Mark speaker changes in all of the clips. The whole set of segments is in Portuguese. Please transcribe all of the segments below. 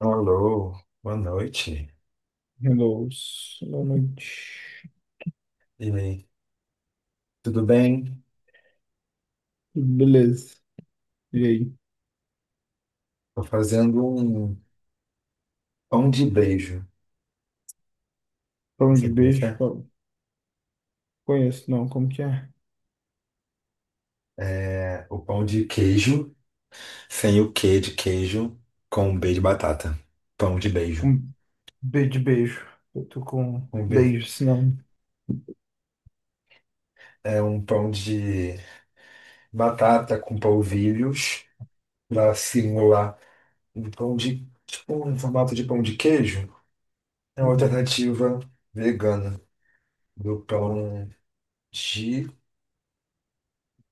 Speaker 1: Alô, boa noite.
Speaker 2: Hello, boa noite.
Speaker 1: E aí, tudo bem?
Speaker 2: Beleza. E aí?
Speaker 1: Tô fazendo um pão de beijo.
Speaker 2: Pão de
Speaker 1: Sabe como é que
Speaker 2: beijo?
Speaker 1: é?
Speaker 2: Qual- conheço não, como que é?
Speaker 1: É o pão de queijo, sem o quê de queijo, com um B de batata. Pão de beijo.
Speaker 2: Com B de beijo. Eu tô com
Speaker 1: Um B.
Speaker 2: beijo, senão.
Speaker 1: É um pão de batata com polvilhos, pra simular um pão de, tipo, um formato de pão de queijo. É uma alternativa vegana do pão de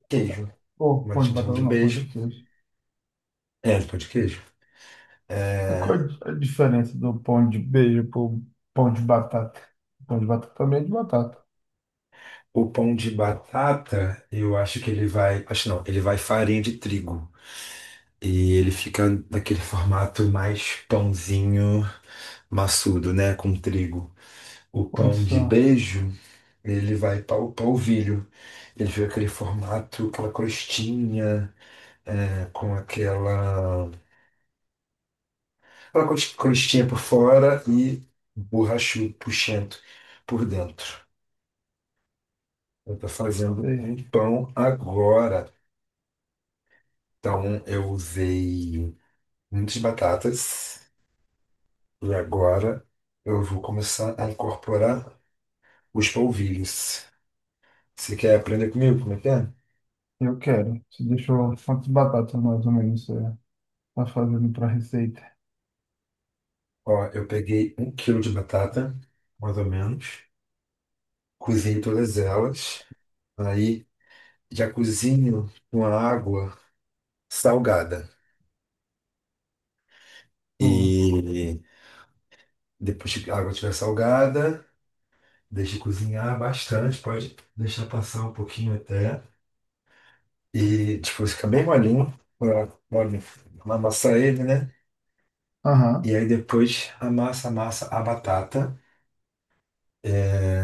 Speaker 1: queijo.
Speaker 2: Pô,
Speaker 1: Mas a
Speaker 2: pão de
Speaker 1: gente chama
Speaker 2: batata
Speaker 1: de
Speaker 2: não, pão
Speaker 1: beijo.
Speaker 2: de queijo.
Speaker 1: É, de pão de queijo. É,
Speaker 2: Qual a diferença do pão de beijo pro pão de batata? Pão de batata também é de batata.
Speaker 1: o pão de batata, eu acho que ele vai. Acho não, ele vai farinha de trigo. E ele fica naquele formato mais pãozinho maçudo, né? Com trigo. O pão de
Speaker 2: Condição.
Speaker 1: beijo, ele vai para o polvilho. Ele fica aquele formato, aquela crostinha, é, com crostinha por fora e borrachudo, puxento por dentro. Eu tô fazendo um
Speaker 2: É,
Speaker 1: pão agora. Então, eu usei muitas batatas e agora eu vou começar a incorporar os polvilhos. Você quer aprender comigo como é que é?
Speaker 2: eu quero. Você deixou quantas batatas mais ou menos você tá fazendo pra receita?
Speaker 1: Ó, eu peguei 1 kg de batata, mais ou menos, cozinhei todas elas, aí já cozinho com a água salgada.
Speaker 2: Boa.
Speaker 1: E depois que a água estiver salgada, deixe cozinhar bastante, pode deixar passar um pouquinho até. E, tipo, fica bem molinho. Olha, olha, amassa ele, né? E
Speaker 2: Aham.
Speaker 1: aí depois amassa, amassa a batata. É,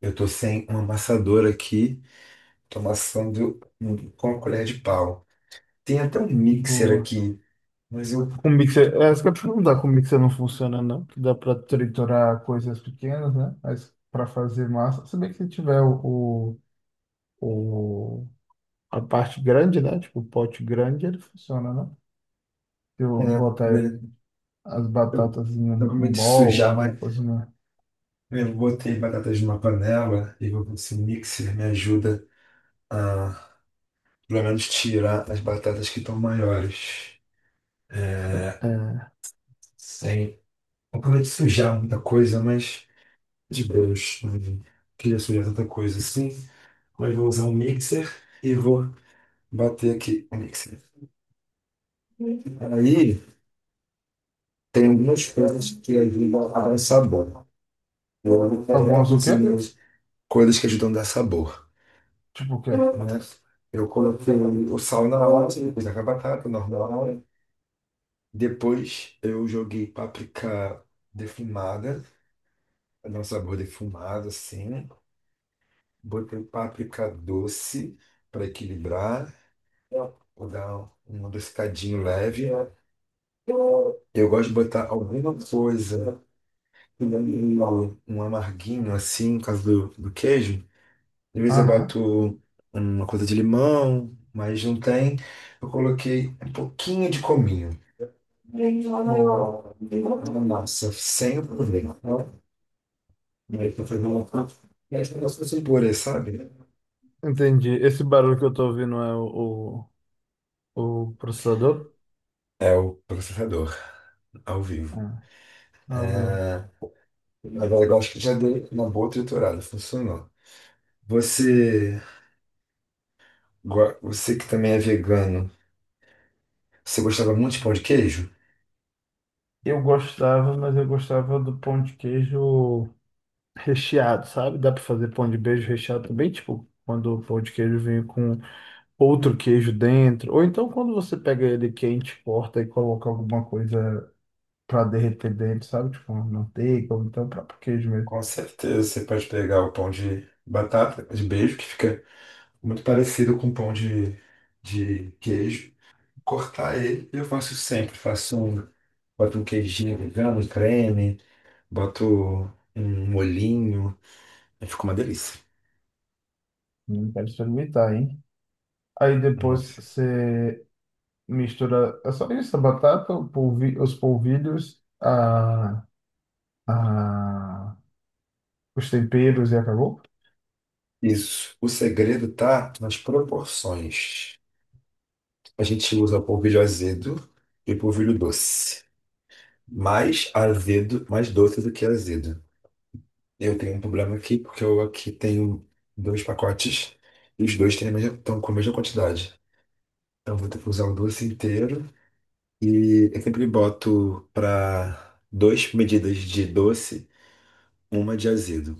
Speaker 1: eu tô sem um amassador aqui. Tô amassando com a colher de pau. Tem até um mixer
Speaker 2: Boa.
Speaker 1: aqui. Mas
Speaker 2: Com mixer, isso que eu ia te perguntar, com mixer não funciona, não? Que dá para triturar coisas pequenas, né? Mas para fazer massa, se bem que se tiver o, o- a parte grande, né? Tipo, o pote grande, ele funciona, né? Se
Speaker 1: é,
Speaker 2: eu botar
Speaker 1: eu,
Speaker 2: as
Speaker 1: eu
Speaker 2: batatas em
Speaker 1: tô com
Speaker 2: um
Speaker 1: medo de
Speaker 2: bowl ou
Speaker 1: sujar,
Speaker 2: alguma
Speaker 1: mas
Speaker 2: coisa, né?
Speaker 1: eu botei batatas numa panela. E vou Esse mixer me ajuda a, pelo menos, tirar as batatas que estão maiores.
Speaker 2: É,
Speaker 1: Sem... Não com medo de sujar muita coisa, mas... de Deus, não queria sujar tanta coisa assim, mas vou usar um mixer e vou bater aqui o mixer. Aí tem algumas coisas que ajudam a dar um sabor. Eu vou pegar
Speaker 2: algumas o quê?
Speaker 1: cozinha coisas que ajudam a dar sabor,
Speaker 2: Tipo o quê?
Speaker 1: né? Eu coloquei o sal na hora, depois a batata normal. Depois eu joguei páprica defumada, para dar um sabor defumado assim. Botei páprica doce para equilibrar. Vou dar um adocicadinho leve. Eu gosto de botar alguma coisa, um um amarguinho assim, no caso do queijo. Às vezes eu
Speaker 2: Aham,
Speaker 1: boto uma coisa de limão, mas não tem. Eu coloquei um pouquinho de cominho.
Speaker 2: boa.
Speaker 1: Nossa, sem problema. Aí eu fazer uma um purê, sabe?
Speaker 2: Entendi. Esse barulho que eu tô ouvindo é o processador?
Speaker 1: É o processador, ao vivo.
Speaker 2: É, ao vivo.
Speaker 1: É. Agora eu acho que já dei uma boa triturada, funcionou. Você Você que também é vegano, você gostava muito de pão de queijo?
Speaker 2: Eu gostava, mas eu gostava do pão de queijo recheado, sabe? Dá pra fazer pão de beijo recheado também, tipo, quando o pão de queijo vem com outro queijo dentro, ou então quando você pega ele quente, corta e coloca alguma coisa pra derreter dentro, sabe? Tipo, uma manteiga, ou então o próprio queijo mesmo.
Speaker 1: Com certeza, você pode pegar o pão de batata, de beijo, que fica muito parecido com o pão de queijo. Cortar ele, eu faço sempre, faço um, boto um queijinho vegano, um creme, boto um molhinho, aí fica uma delícia.
Speaker 2: Não quero experimentar, hein? Aí depois
Speaker 1: Nossa.
Speaker 2: você mistura, é só isso, a batata, os polvilhos, a, os temperos e acabou?
Speaker 1: Isso. O segredo tá nas proporções. A gente usa polvilho azedo e polvilho doce, mais azedo, mais doce do que azedo. Eu tenho um problema aqui porque eu aqui tenho dois pacotes e os dois têm estão com a mesma quantidade. Então eu vou ter que usar o doce inteiro e eu sempre boto para duas medidas de doce, uma de azedo.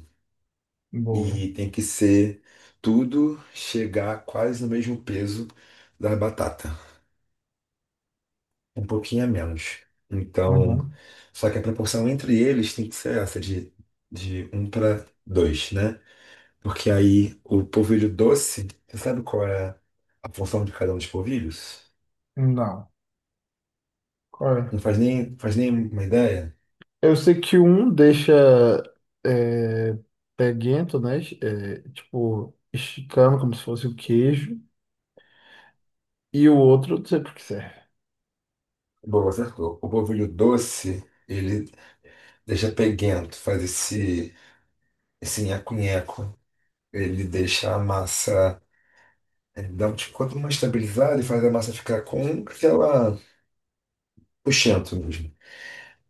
Speaker 2: Boa.
Speaker 1: E tem que ser tudo chegar quase no mesmo peso da batata, um pouquinho a menos. Então,
Speaker 2: Aham.
Speaker 1: só que a proporção entre eles tem que ser essa de um para 2, né? Porque aí o polvilho doce, você sabe qual é a função de cada um dos polvilhos?
Speaker 2: Não. Qual é?
Speaker 1: Não faz nem, faz nem uma ideia?
Speaker 2: Eu sei que um deixa é, peguento, né? É, tipo, esticando como se fosse o queijo. E o outro, eu não sei por que serve.
Speaker 1: Bom, acertou. O polvilho doce, ele deixa peguento, faz esse nheco-nheco. Ele deixa a massa, ele dá um tipo, quanto mais estabilizada e faz a massa ficar com aquela puxento mesmo.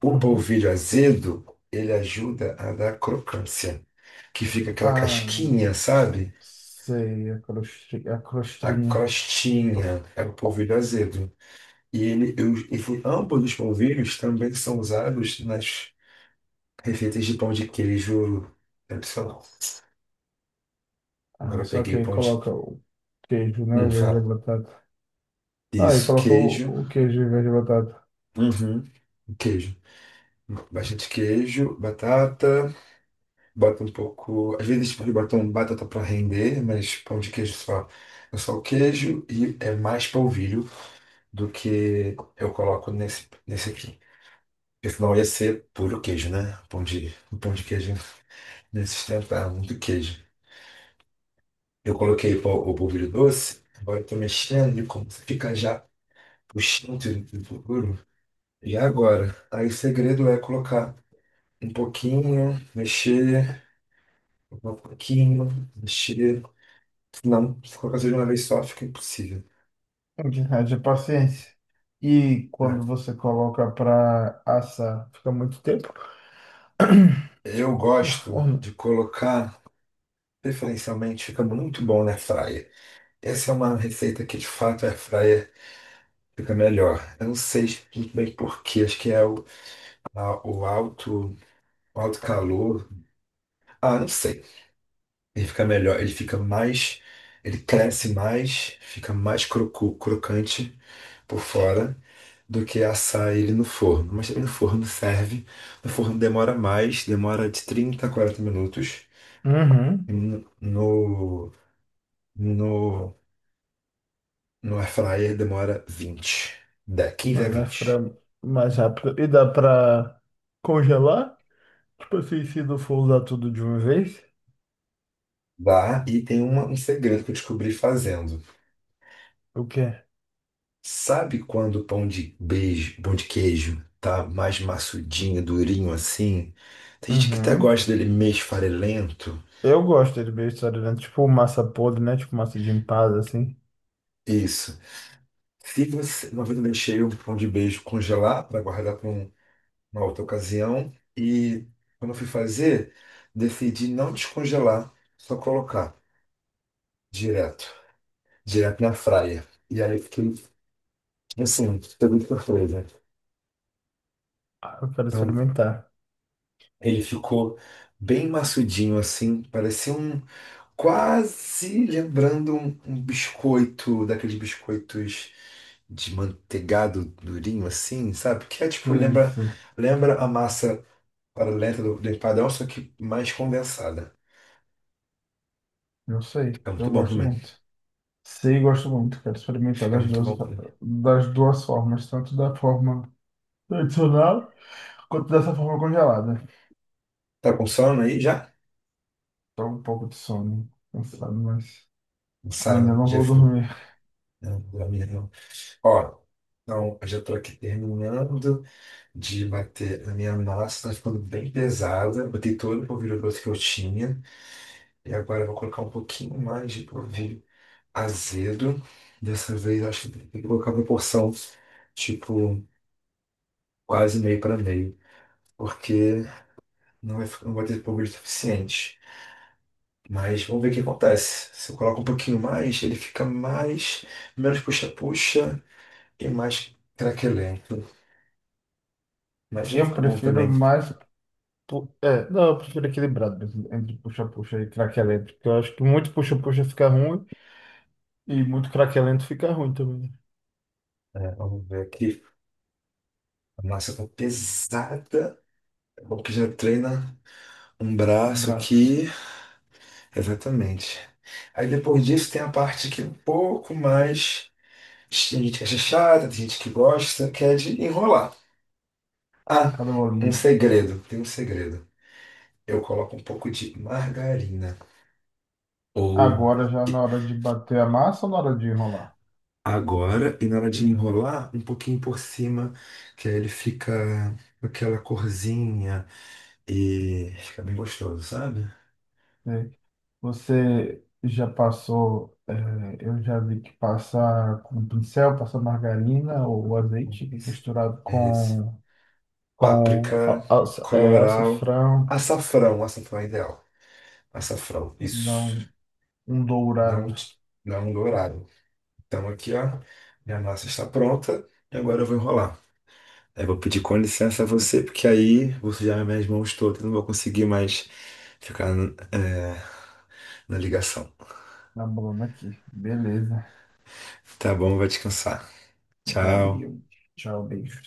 Speaker 1: O
Speaker 2: Uhum.
Speaker 1: polvilho azedo, ele ajuda a dar crocância, que fica aquela
Speaker 2: Ah,
Speaker 1: casquinha, sabe?
Speaker 2: sei, a
Speaker 1: A
Speaker 2: crostrinha.
Speaker 1: crostinha, é o polvilho azedo. E ele, eu, enfim, ambos os polvilhos também são usados nas receitas de pão de queijo tradicional. Agora
Speaker 2: Ah,
Speaker 1: eu
Speaker 2: só
Speaker 1: peguei
Speaker 2: que
Speaker 1: o
Speaker 2: aí
Speaker 1: pão de.
Speaker 2: coloca o queijo, né? Ao
Speaker 1: Não
Speaker 2: invés da
Speaker 1: fala.
Speaker 2: batata. Ah, e
Speaker 1: Isso,
Speaker 2: coloca
Speaker 1: queijo.
Speaker 2: o queijo ao invés da batata.
Speaker 1: Uhum. Queijo. Bastante queijo, batata, bota um pouco. Às vezes eles botam batata para render, mas pão de queijo só. É só o queijo e é mais polvilho do que eu coloco nesse aqui. Porque senão ia ser puro queijo, né? O pão de queijo ia se sustentar muito queijo. Eu coloquei o polvilho doce, agora eu tô mexendo e como você fica já puxando tudo do futuro. E agora? Aí o segredo é colocar um pouquinho, mexer, colocar um pouquinho, mexer. Não, se colocar tudo de uma vez só fica impossível.
Speaker 2: Haja paciência. E quando
Speaker 1: É.
Speaker 2: você coloca para assar, fica muito tempo
Speaker 1: Eu
Speaker 2: no
Speaker 1: gosto
Speaker 2: forno.
Speaker 1: de colocar, preferencialmente, fica muito bom na fryer. Essa é uma receita que de fato a fryer fica melhor. Eu não sei muito bem por quê, acho que é a- o alto, o alto calor. Ah, não sei. Ele fica melhor, ele fica mais, ele cresce mais, fica mais crocante por fora do que assar ele no forno. Mas também no forno serve. No forno demora mais, demora de 30 a 40 minutos.
Speaker 2: Uhum.
Speaker 1: E No, no, no no air fryer demora 20 da quinze a
Speaker 2: Mano, é
Speaker 1: vinte
Speaker 2: frango mais rápido. E dá pra congelar? Tipo assim, se não for usar tudo de uma vez?
Speaker 1: Dá, e tem um segredo que eu descobri fazendo.
Speaker 2: O quê?
Speaker 1: Sabe quando o pão de beijo, pão de queijo tá mais maçudinho, durinho assim? Tem gente que até
Speaker 2: Uhum.
Speaker 1: gosta dele meio esfarelento.
Speaker 2: Eu gosto de beijo estadunidense, tipo massa podre, né? Tipo massa de empada, assim.
Speaker 1: Isso. Se você, uma vez eu deixei um pão de beijo congelar para guardar para uma outra ocasião e quando eu fui fazer, decidi não descongelar, só colocar direto, direto na fraia. E aí eu fiquei assim, pegou de surpresa.
Speaker 2: Ah, eu quero
Speaker 1: Então
Speaker 2: experimentar.
Speaker 1: ele ficou bem maçudinho assim, parecia quase lembrando um biscoito, daqueles biscoitos de manteigado durinho assim, sabe? Que é tipo, lembra,
Speaker 2: Isso,
Speaker 1: lembra a massa paralela do empadão, só que mais condensada.
Speaker 2: eu sei,
Speaker 1: Fica muito
Speaker 2: eu
Speaker 1: bom
Speaker 2: gosto
Speaker 1: também.
Speaker 2: muito. Sei, gosto muito, quero experimentar
Speaker 1: Fica muito bom também.
Speaker 2: das duas formas, tanto da forma tradicional quanto dessa forma congelada.
Speaker 1: Tá com sono aí já?
Speaker 2: Tô um pouco de sono, cansado, mas ainda
Speaker 1: Cansado,
Speaker 2: não
Speaker 1: já
Speaker 2: vou
Speaker 1: foi.
Speaker 2: dormir.
Speaker 1: Não, não, não. Ó, então, eu já tô aqui terminando de bater a minha massa, tá ficando bem pesada. Botei todo o polvilho grosso que eu tinha. E agora eu vou colocar um pouquinho mais de polvilho azedo. Dessa vez, acho que tem que colocar uma porção tipo, quase meio para meio, porque não vai ter público suficiente. Mas vamos ver o que acontece. Se eu coloco um pouquinho mais, ele fica mais, menos puxa-puxa e mais craquelento. Mas já
Speaker 2: Eu
Speaker 1: fica bom
Speaker 2: prefiro
Speaker 1: também.
Speaker 2: mais Pu- É, não, eu prefiro equilibrado mesmo, entre puxa-puxa e craquelento, porque eu acho que muito puxa-puxa fica ruim e muito craquelento fica ruim também, né?
Speaker 1: É, vamos ver aqui. A massa tá pesada. É bom que já treina um
Speaker 2: O
Speaker 1: braço
Speaker 2: braço,
Speaker 1: aqui. Exatamente. Aí depois disso tem a parte aqui um pouco mais. Tem gente que acha chata, tem gente que gosta, que é de enrolar. Ah,
Speaker 2: cada
Speaker 1: um
Speaker 2: bolinha.
Speaker 1: segredo, tem um segredo. Eu coloco um pouco de margarina. Ou
Speaker 2: Agora já na hora de bater a massa ou na hora de enrolar?
Speaker 1: agora, e na hora de enrolar, um pouquinho por cima, que aí ele fica com aquela corzinha e fica bem gostoso, sabe?
Speaker 2: Né? Você já passou, é, eu já vi que passar com pincel, passar margarina ou azeite
Speaker 1: Isso.
Speaker 2: misturado
Speaker 1: É esse.
Speaker 2: com,
Speaker 1: Páprica,
Speaker 2: alça, é,
Speaker 1: colorau,
Speaker 2: alçafrão,
Speaker 1: açafrão, açafrão é ideal. Açafrão, isso.
Speaker 2: não, um
Speaker 1: Não,
Speaker 2: dourado
Speaker 1: não dourado. Então aqui, ó, minha massa está pronta e agora eu vou enrolar. Aí eu vou pedir com licença a você, porque aí vou sujar minhas mãos todas, não vou conseguir mais ficar, é, na ligação.
Speaker 2: na bolona aqui, beleza.
Speaker 1: Tá bom, vai descansar. Tchau.
Speaker 2: Valeu. Tchau, beijo.